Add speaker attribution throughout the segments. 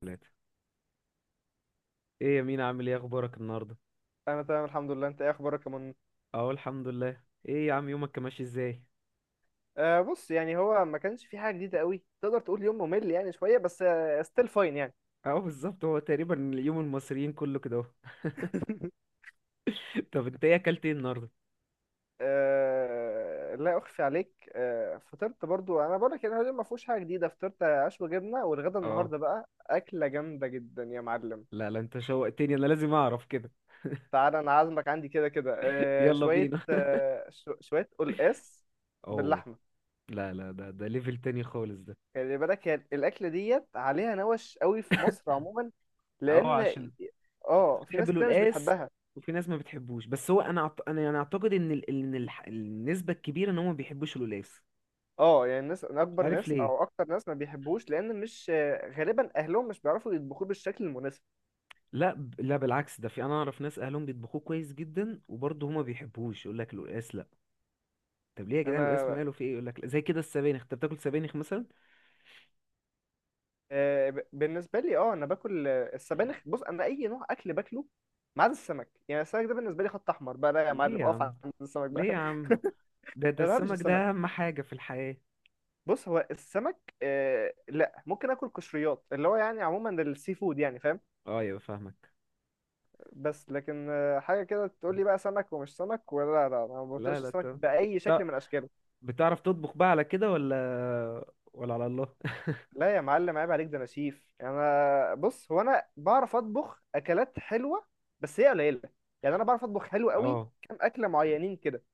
Speaker 1: ثلاثة. ايه يا مين، عامل ايه؟ اخبارك النهارده؟
Speaker 2: انا تمام الحمد لله. انت ايه اخبارك يا من؟
Speaker 1: اهو الحمد لله. ايه يا عم، يومك كان ماشي ازاي؟
Speaker 2: آه، بص يعني هو ما كانش في حاجه جديده قوي، تقدر تقول يوم ممل يعني شويه بس. ستيل فاين يعني.
Speaker 1: اهو بالظبط، هو تقريبا يوم المصريين كله كده اهو. طب انت، ايه اكلت ايه النهارده؟
Speaker 2: آه لا اخفي عليك، فطرت برضو، انا بقول لك اليوم ما فيهوش حاجه جديده. فطرت عشوه جبنه، والغدا
Speaker 1: اه،
Speaker 2: النهارده بقى اكله جامده جدا يا معلم.
Speaker 1: لا لا، انت شوقتني، انا لازم اعرف كده.
Speaker 2: تعالى، انا عازمك عندي كده كده،
Speaker 1: يلا
Speaker 2: شويه،
Speaker 1: بينا.
Speaker 2: شويه قلقاس
Speaker 1: اوه.
Speaker 2: باللحمه.
Speaker 1: لا لا، ده ليفل تاني خالص ده.
Speaker 2: خلي بالك، هي الاكله ديت عليها نوش قوي في مصر عموما،
Speaker 1: اهو
Speaker 2: لان
Speaker 1: عشان. في ناس
Speaker 2: اه في
Speaker 1: بتحب
Speaker 2: ناس كتير مش
Speaker 1: القلقاس،
Speaker 2: بتحبها.
Speaker 1: وفي ناس ما بتحبوش، بس هو انا انا يعني اعتقد النسبة الكبيرة ان هم ما بيحبوش القلقاس.
Speaker 2: اه، يعني الناس
Speaker 1: مش
Speaker 2: اكبر
Speaker 1: عارف
Speaker 2: ناس
Speaker 1: ليه.
Speaker 2: او اكتر ناس ما بيحبوش، لان مش غالبا اهلهم مش بيعرفوا يطبخوه بالشكل المناسب.
Speaker 1: لا بالعكس، ده في انا اعرف ناس اهلهم بيطبخوه كويس جدا، وبرضه هما بيحبوش يقول لك القلقاس لا. طب ليه يا جدعان؟ القلقاس
Speaker 2: انا
Speaker 1: ماله، في ايه؟ يقول لك زي كده السبانخ، انت بتاكل سبانخ مثلا؟
Speaker 2: بالنسبه لي، انا باكل، السبانخ، بص انا اي نوع اكل باكله ما عدا السمك، يعني السمك ده بالنسبه لي خط احمر بقى، لا يا
Speaker 1: ليه
Speaker 2: معلم،
Speaker 1: يا
Speaker 2: اقف
Speaker 1: عم؟
Speaker 2: عند السمك
Speaker 1: ليه
Speaker 2: بقى.
Speaker 1: يا عم؟ ده
Speaker 2: ما بحبش
Speaker 1: السمك
Speaker 2: السمك.
Speaker 1: ده اهم حاجة في الحياة.
Speaker 2: بص، هو السمك لا، ممكن اكل قشريات، اللي هو يعني عموما السي فود يعني، فاهم؟
Speaker 1: اه يبقى فاهمك.
Speaker 2: بس لكن حاجه كده تقول لي بقى سمك ومش سمك، ولا، لا لا، انا ما
Speaker 1: لا
Speaker 2: بطيقش
Speaker 1: لا
Speaker 2: السمك
Speaker 1: طب،
Speaker 2: باي شكل من اشكاله.
Speaker 1: بتعرف تطبخ بقى على كده ولا، ولا على الله؟
Speaker 2: لا يا معلم، عيب عليك، ده انا شيف. انا بص، هو انا بعرف اطبخ اكلات حلوه، بس هي قليله. يعني انا بعرف اطبخ حلو قوي
Speaker 1: اه.
Speaker 2: كام اكله معينين كده.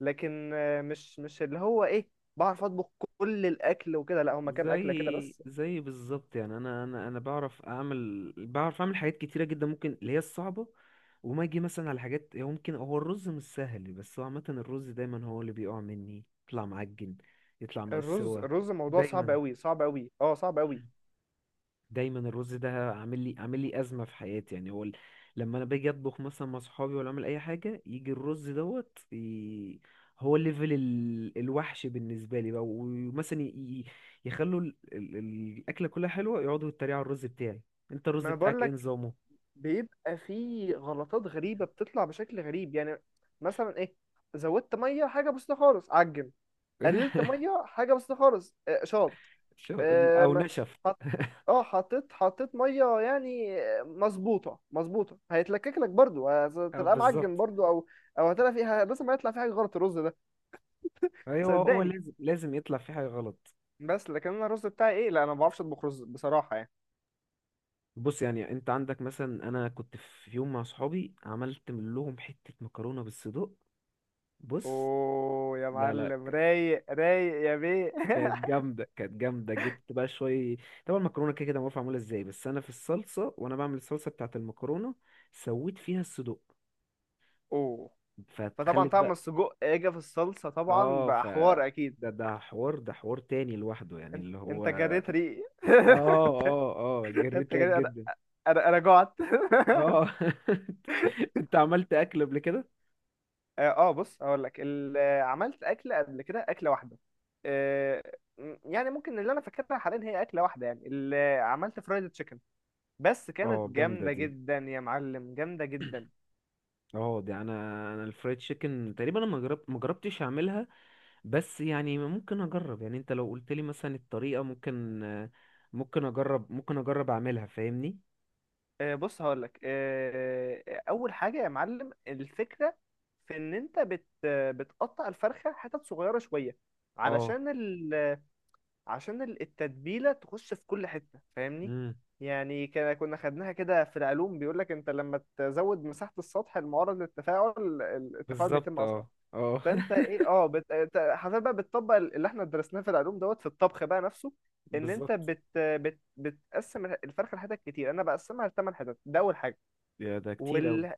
Speaker 2: لكن مش اللي هو ايه، بعرف اطبخ كل الاكل وكده، لا، هما كام اكله كده
Speaker 1: زي
Speaker 2: بس.
Speaker 1: زي بالظبط، يعني انا بعرف اعمل، بعرف اعمل حاجات كتيره جدا، ممكن اللي هي الصعبه. وما اجي مثلا على حاجات، هو ممكن، هو الرز مش سهل، بس هو عامه الرز دايما هو اللي بيقع مني، يطلع معجن، يطلع ناقص
Speaker 2: الرز
Speaker 1: سوا.
Speaker 2: الرز موضوع صعب
Speaker 1: دايما،
Speaker 2: قوي، صعب قوي، اه صعب قوي.
Speaker 1: دايما الرز ده عامل لي ازمه في حياتي، يعني لما انا باجي اطبخ مثلا مع صحابي، ولا اعمل اي حاجه، يجي الرز دوت هو ليفل الوحش بالنسبه لي بقى، ومثلا يخلوا الاكله كلها حلوه، يقعدوا يتريقوا على الرز بتاعي. انت الرز
Speaker 2: ما انا
Speaker 1: بتاعك
Speaker 2: بقول
Speaker 1: ايه
Speaker 2: لك،
Speaker 1: نظامه؟
Speaker 2: بيبقى فيه غلطات غريبه بتطلع بشكل غريب يعني. مثلا ايه، زودت ميه حاجه بسيطه خالص، عجن. قللت ميه حاجه بسيطه خالص، شاط.
Speaker 1: شو- او
Speaker 2: آم،
Speaker 1: نشف.
Speaker 2: حط- اه، حطيت ميه يعني مظبوطه مظبوطه، هيتلكك لك برضو،
Speaker 1: أو
Speaker 2: هتلاقيه معجن
Speaker 1: بالظبط.
Speaker 2: برضو، او او هتلاقي فيها، لازم ما يطلع فيه حاجه غلط الرز ده،
Speaker 1: ايوه، هو
Speaker 2: صدقني.
Speaker 1: لازم، لازم يطلع في حاجه غلط.
Speaker 2: بس لكن انا الرز بتاعي ايه، لا انا ما بعرفش اطبخ رز بصراحه يعني.
Speaker 1: بص، يعني انت عندك مثلا، انا كنت في يوم مع صحابي، عملت من لهم حته مكرونه بالصدق. بص.
Speaker 2: اوه يا
Speaker 1: لا لا.
Speaker 2: معلم، رايق رايق يا بيه.
Speaker 1: كانت جامدة، كانت جامدة. جبت بقى شوية، طبعا المكرونة كده كده معروف معمولة ازاي، بس أنا في الصلصة، وأنا بعمل الصلصة بتاعة المكرونة سويت فيها الصدوق،
Speaker 2: اوه. فطبعا
Speaker 1: فتخلت
Speaker 2: طعم
Speaker 1: بقى.
Speaker 2: السجق اجى في الصلصه، طبعا
Speaker 1: اه، ف
Speaker 2: بقى حوار اكيد.
Speaker 1: ده حوار، ده حوار تاني لوحده يعني،
Speaker 2: انت
Speaker 1: اللي هو
Speaker 2: انت
Speaker 1: اه.
Speaker 2: جريت ريقي.
Speaker 1: اه. اه جريت
Speaker 2: انت
Speaker 1: ليك
Speaker 2: جريت، انا
Speaker 1: جدا.
Speaker 2: انا أنا جعت.
Speaker 1: اه. انت عملت اكل قبل كده؟
Speaker 2: اه، بص هقول لك عملت اكله قبل كده، اكله واحده. آه، يعني ممكن اللي انا فاكرها حاليا هي اكله واحده، يعني اللي عملت فرايد تشيكن، بس
Speaker 1: اه
Speaker 2: كانت
Speaker 1: جامدة
Speaker 2: جامده
Speaker 1: دي.
Speaker 2: جدا يا معلم، جامده جدا.
Speaker 1: اه دي انا، انا الفرايد تشيكن تقريبا انا ما جربتش اعملها، بس يعني ممكن اجرب، يعني انت لو قلت لي مثلا الطريقة، ممكن ممكن اجرب اعملها، فاهمني.
Speaker 2: بص هقول لك، اول حاجه يا معلم، الفكره في ان انت بتقطع الفرخه حتت صغيره شويه،
Speaker 1: اه.
Speaker 2: علشان التتبيلة تخش في كل حتة، فاهمني؟
Speaker 1: امم
Speaker 2: يعني كنا خدناها كده في العلوم، بيقول لك انت لما تزود مساحة السطح المعرض للتفاعل، التفاعل بيتم
Speaker 1: بالظبط،
Speaker 2: اسرع.
Speaker 1: اه اه.
Speaker 2: فانت ايه، انت حرفيا بقى بتطبق اللي احنا درسناه في العلوم دوت في الطبخ بقى نفسه. ان انت
Speaker 1: بالظبط.
Speaker 2: بتقسم الفرخة لحتت كتير، انا بقسمها لثمان حتت، ده اول حاجة.
Speaker 1: يا ده كتير قوي.
Speaker 2: وال...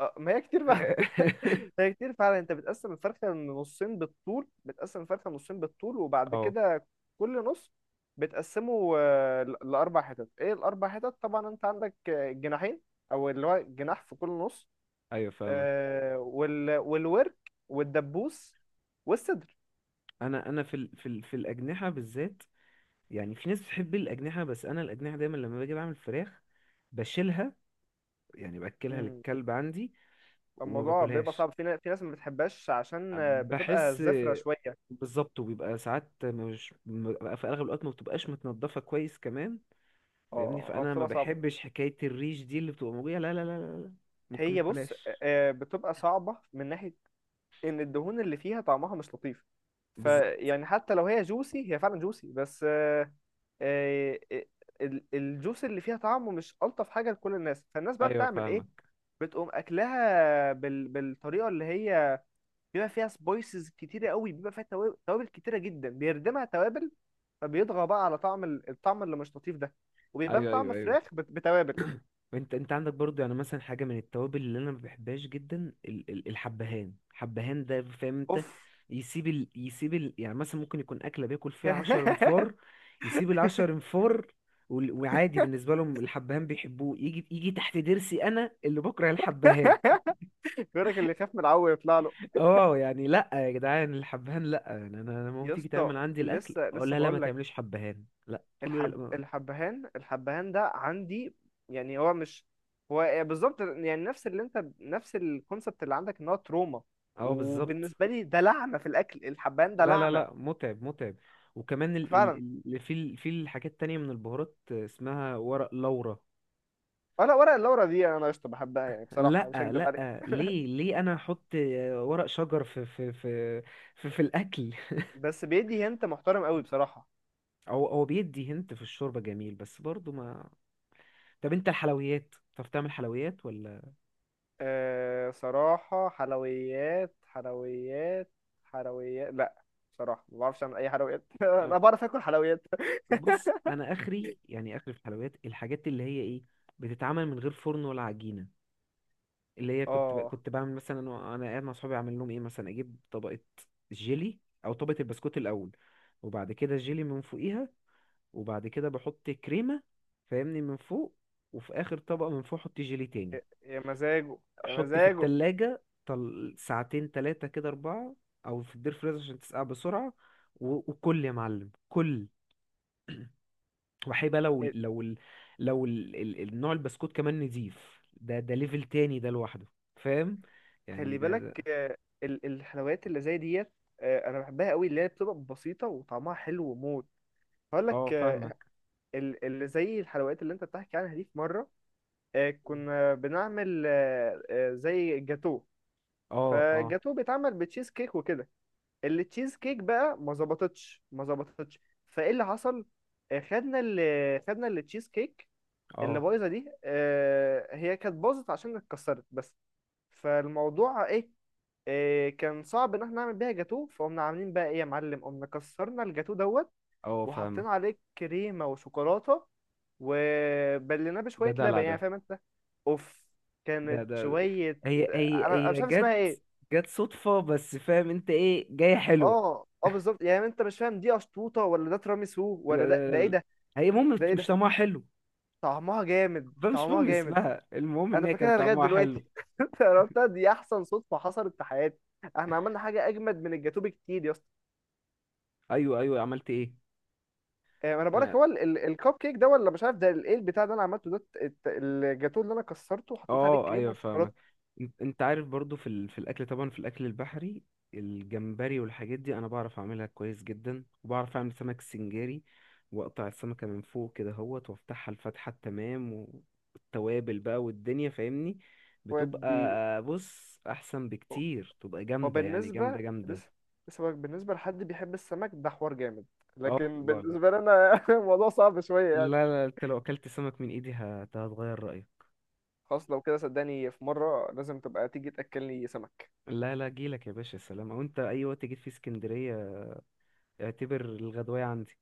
Speaker 2: آه، ما هي كتير بقى. هي كتير فعلا. انت بتقسم الفرخه نصين بالطول، بتقسم الفرخه نصين بالطول، وبعد
Speaker 1: اه
Speaker 2: كده كل نص بتقسمه لاربع حتت. ايه الاربع حتت؟ طبعا انت عندك جناحين، او اللي هو جناح في كل نص،
Speaker 1: ايوه فاهمك.
Speaker 2: والورك، والدبوس، والصدر.
Speaker 1: انا في في الاجنحة بالذات، يعني في ناس بتحب الاجنحة، بس انا الاجنحة دايما لما باجي بعمل فراخ بشيلها، يعني باكلها
Speaker 2: مم.
Speaker 1: للكلب عندي، وما
Speaker 2: الموضوع بيبقى
Speaker 1: باكلهاش.
Speaker 2: صعب، في ناس ما بتحبهاش عشان بتبقى
Speaker 1: بحس،
Speaker 2: زفرة شوية.
Speaker 1: بالظبط، وبيبقى ساعات مش بيبقى، في اغلب الوقت ما بتبقاش متنضفه كويس كمان، فاهمني.
Speaker 2: اه اه،
Speaker 1: فانا ما
Speaker 2: بتبقى صعبة.
Speaker 1: بحبش حكايه الريش دي اللي بتبقى موجوده، لا لا لا لا لا، ممكن ما
Speaker 2: هي بص،
Speaker 1: اكلهاش.
Speaker 2: بتبقى صعبة من ناحية ان الدهون اللي فيها طعمها مش لطيف.
Speaker 1: بالظبط.
Speaker 2: فيعني حتى لو هي جوسي، هي فعلا جوسي بس، آه، آه، الجوس اللي فيها طعمه مش ألطف حاجة لكل الناس، فالناس بقى
Speaker 1: ايوه
Speaker 2: بتعمل ايه؟
Speaker 1: فاهمك.
Speaker 2: بتقوم اكلها بالطريقة اللي هي بيبقى فيها سبايسز كتيرة قوي، بيبقى فيها توابل كتيرة جدا، بيردمها توابل، فبيطغى بقى على الطعم اللي مش لطيف ده، وبيبان
Speaker 1: ايوه
Speaker 2: طعم
Speaker 1: ايوه ايوه.
Speaker 2: فراخ بتوابل.
Speaker 1: انت عندك برضو، يعني مثلا حاجه من التوابل اللي انا ما بحبهاش جدا، الحبهان، الحبهان ده فاهم انت،
Speaker 2: اوف.
Speaker 1: يعني مثلا ممكن يكون اكله بياكل فيها 10 انفار، يسيب العشر انفار، وعادي بالنسبه لهم الحبهان بيحبوه، يجي يجي تحت ضرسي، انا اللي بكره الحبهان.
Speaker 2: بيقولك اللي يخاف من العو يطلع له.
Speaker 1: اه يعني لا يا جدعان الحبهان لا، يعني انا لما
Speaker 2: يا
Speaker 1: تيجي
Speaker 2: اسطى،
Speaker 1: تعمل عندي الاكل،
Speaker 2: لسه
Speaker 1: اه
Speaker 2: لسه
Speaker 1: لا لا، ما
Speaker 2: بقول،
Speaker 1: تعمليش حبهان لا كله
Speaker 2: الحب الحبهان الحبهان ده عندي، يعني هو مش... هو بالظبط يعني نفس اللي انت، نفس الكونسبت اللي عندك، ان هو تروما.
Speaker 1: اه بالظبط.
Speaker 2: وبالنسبه لي ده لعنه في الاكل، الحبهان ده
Speaker 1: لا لا
Speaker 2: لعنه.
Speaker 1: لا، متعب متعب. وكمان
Speaker 2: فعلا.
Speaker 1: في الحاجات التانية من البهارات، اسمها ورق لورا.
Speaker 2: ولا ورق اللورا دي انا قشطه، بحبها يعني بصراحه، مش
Speaker 1: لا
Speaker 2: هكدب عليك.
Speaker 1: لا ليه، ليه انا احط ورق شجر في الاكل؟
Speaker 2: بس بيدي هنت محترم قوي بصراحه.
Speaker 1: او هو بيدي هنت في الشوربة جميل، بس برضو ما. طب انت الحلويات بتعرف تعمل حلويات ولا؟
Speaker 2: أه صراحه، حلويات، حلويات، حلويات لا. بصراحه ما بعرفش اعمل اي حلويات. انا
Speaker 1: أو-
Speaker 2: بعرف اكل حلويات.
Speaker 1: بص انا اخري، يعني اخري في الحلويات، الحاجات اللي هي ايه بتتعمل من غير فرن ولا عجينة، اللي هي
Speaker 2: اه،
Speaker 1: كنت بعمل مثلا، انا قاعد مع صحابي اعمل لهم ايه، مثلا اجيب طبقه جيلي، او طبقه البسكوت الاول، وبعد كده الجيلي من فوقيها، وبعد كده بحط كريمه فاهمني من فوق، وفي اخر طبقه من فوق احط جيلي تاني،
Speaker 2: يا مزاجه، يا
Speaker 1: احط في
Speaker 2: مزاجه.
Speaker 1: التلاجة ساعتين، تلاتة كده، اربعة، او في الدير فريزر عشان تسقع بسرعه، وكل يا معلم كل. وحيبقى لو، لو ال- لو ال... ال... النوع البسكوت كمان نضيف، ده ليفل تاني ده لوحده، فاهم، يعني
Speaker 2: خلي بالك،
Speaker 1: ده.
Speaker 2: الحلويات اللي زي ديت، انا بحبها قوي، اللي هي بتبقى بسيطه وطعمها حلو وموت. هقول
Speaker 1: اه
Speaker 2: لك،
Speaker 1: فاهمك.
Speaker 2: اللي زي الحلويات اللي انت بتحكي عنها دي، في مره كنا بنعمل زي جاتو.
Speaker 1: اه اه
Speaker 2: فالجاتو بيتعمل بتشيز كيك وكده. التشيز كيك بقى ما ظبطتش، ما ظبطتش. فايه اللي حصل؟ خدنا التشيز كيك اللي
Speaker 1: اه
Speaker 2: بايظه دي، هي كانت باظت عشان اتكسرت بس. فالموضوع ايه، إيه كان صعب ان احنا نعمل بيها جاتوه، فقمنا عاملين بقى ايه يا معلم، قمنا كسرنا الجاتوه دوت،
Speaker 1: اه فاهمك.
Speaker 2: وحطينا عليه كريمه وشوكولاته، وبليناه
Speaker 1: ده
Speaker 2: بشويه لبن
Speaker 1: دلع
Speaker 2: يعني،
Speaker 1: ده.
Speaker 2: فاهم انت؟ اوف.
Speaker 1: ده
Speaker 2: كانت
Speaker 1: ده.
Speaker 2: شويه...
Speaker 1: هي
Speaker 2: انا
Speaker 1: هي.
Speaker 2: أنا مش
Speaker 1: هي
Speaker 2: عارف
Speaker 1: جت،
Speaker 2: اسمها ايه.
Speaker 1: جت صدفة بس، فاهم انت ايه جاية حلوة؟
Speaker 2: اه اه بالظبط، يعني انت مش فاهم دي اشطوطه ولا ده تراميسو ولا ده ده ايه
Speaker 1: لا.
Speaker 2: ده.
Speaker 1: هي المهم
Speaker 2: ده ايه
Speaker 1: مش
Speaker 2: ده؟
Speaker 1: طعمها حلو،
Speaker 2: طعمها جامد،
Speaker 1: بقى مش
Speaker 2: طعمها
Speaker 1: مهم
Speaker 2: جامد.
Speaker 1: اسمها، المهم ان
Speaker 2: انا
Speaker 1: هي كان
Speaker 2: فاكرها لغايه
Speaker 1: طعمها حلو.
Speaker 2: دلوقتي. انت عرفتها دي احسن صدفه حصلت في حياتي. احنا عملنا حاجه اجمد من الجاتوه بكتير يا اسطى.
Speaker 1: ايوه ايوه، عملت ايه؟
Speaker 2: انا بقول لك، هو الكب كيك ده ولا مش عارف، ايه البتاع ده انا عملته، ده الجاتوه اللي انا كسرته وحطيت عليه
Speaker 1: اه
Speaker 2: كريم
Speaker 1: ايوه فاهمك.
Speaker 2: وشوكولاته.
Speaker 1: انت عارف برضو في في الاكل، طبعا في الاكل البحري، الجمبري والحاجات دي انا بعرف اعملها كويس جدا، وبعرف اعمل سمك سنجاري، واقطع السمكه من فوق كده اهوت، وافتحها الفتحه التمام، والتوابل بقى والدنيا فاهمني، بتبقى،
Speaker 2: ودي...
Speaker 1: بص، احسن بكتير، تبقى
Speaker 2: هو
Speaker 1: جامده يعني، جامده
Speaker 2: بالنسبه،
Speaker 1: جامده.
Speaker 2: لسه لسه بقولك، بالنسبه لحد بيحب السمك ده حوار جامد،
Speaker 1: اه
Speaker 2: لكن
Speaker 1: لا لا.
Speaker 2: بالنسبه لنا الموضوع صعب شويه يعني.
Speaker 1: لا لا، انت لو اكلت سمك من ايدي هتغير رايك.
Speaker 2: خلاص لو كده صدقني، في مره لازم تبقى تيجي تاكلني سمك.
Speaker 1: لا لا جيلك يا باشا، سلام، او انت اي وقت جيت في اسكندريه اعتبر الغدوايه عندي.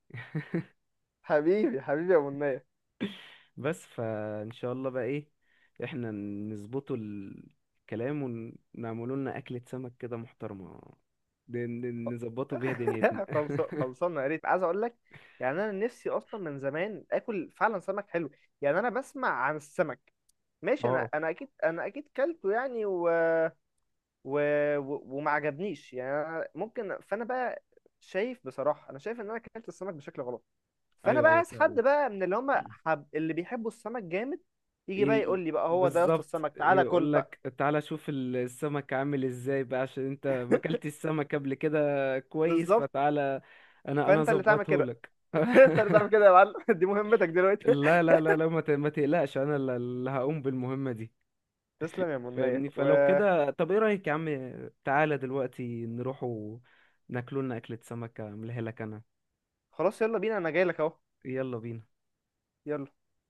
Speaker 2: حبيبي حبيبي يا منى.
Speaker 1: بس فان شاء الله بقى، ايه، احنا نظبطوا الكلام، ونعملوا لنا اكلة سمك كده محترمة، نظبطوا بيها دنيتنا.
Speaker 2: خلص، خلصانه، يا ريت، عايز اقول لك، يعني انا نفسي اصلا من زمان اكل فعلا سمك حلو. يعني انا بسمع عن السمك، ماشي، انا
Speaker 1: اه
Speaker 2: انا اكيد، انا اكيد كلته يعني و... وما عجبنيش يعني، أنا ممكن، فانا بقى شايف بصراحه، انا شايف ان انا اكلت السمك بشكل غلط. فانا
Speaker 1: ايوه
Speaker 2: بقى
Speaker 1: ايوه
Speaker 2: عايز حد
Speaker 1: فعلا.
Speaker 2: بقى من اللي هم اللي بيحبوا السمك جامد،
Speaker 1: ي-
Speaker 2: يجي بقى يقول
Speaker 1: ي-
Speaker 2: لي بقى، هو ده يا اسطى
Speaker 1: بالظبط،
Speaker 2: السمك، تعالى كل
Speaker 1: يقول
Speaker 2: بقى.
Speaker 1: لك تعالى شوف السمك عامل ازاي بقى، عشان انت ما اكلتش السمك قبل كده كويس،
Speaker 2: بالظبط،
Speaker 1: فتعالى انا
Speaker 2: فانت اللي تعمل
Speaker 1: اظبطه
Speaker 2: كده.
Speaker 1: لك.
Speaker 2: انت اللي تعمل كده يا معلم، دي مهمتك دلوقتي.
Speaker 1: لا لا لا لا، ما تقلقش، انا اللي هقوم بالمهمة دي،
Speaker 2: تسلم يا منية،
Speaker 1: فاهمني. فلو
Speaker 2: وخلاص.
Speaker 1: كده طب، ايه رأيك يا عم، تعالى دلوقتي نروح ناكلوا لنا أكلة سمكة، أعملها لك أنا.
Speaker 2: يلا بينا، انا جاي لك اهو.
Speaker 1: يلا بينا.
Speaker 2: يلا.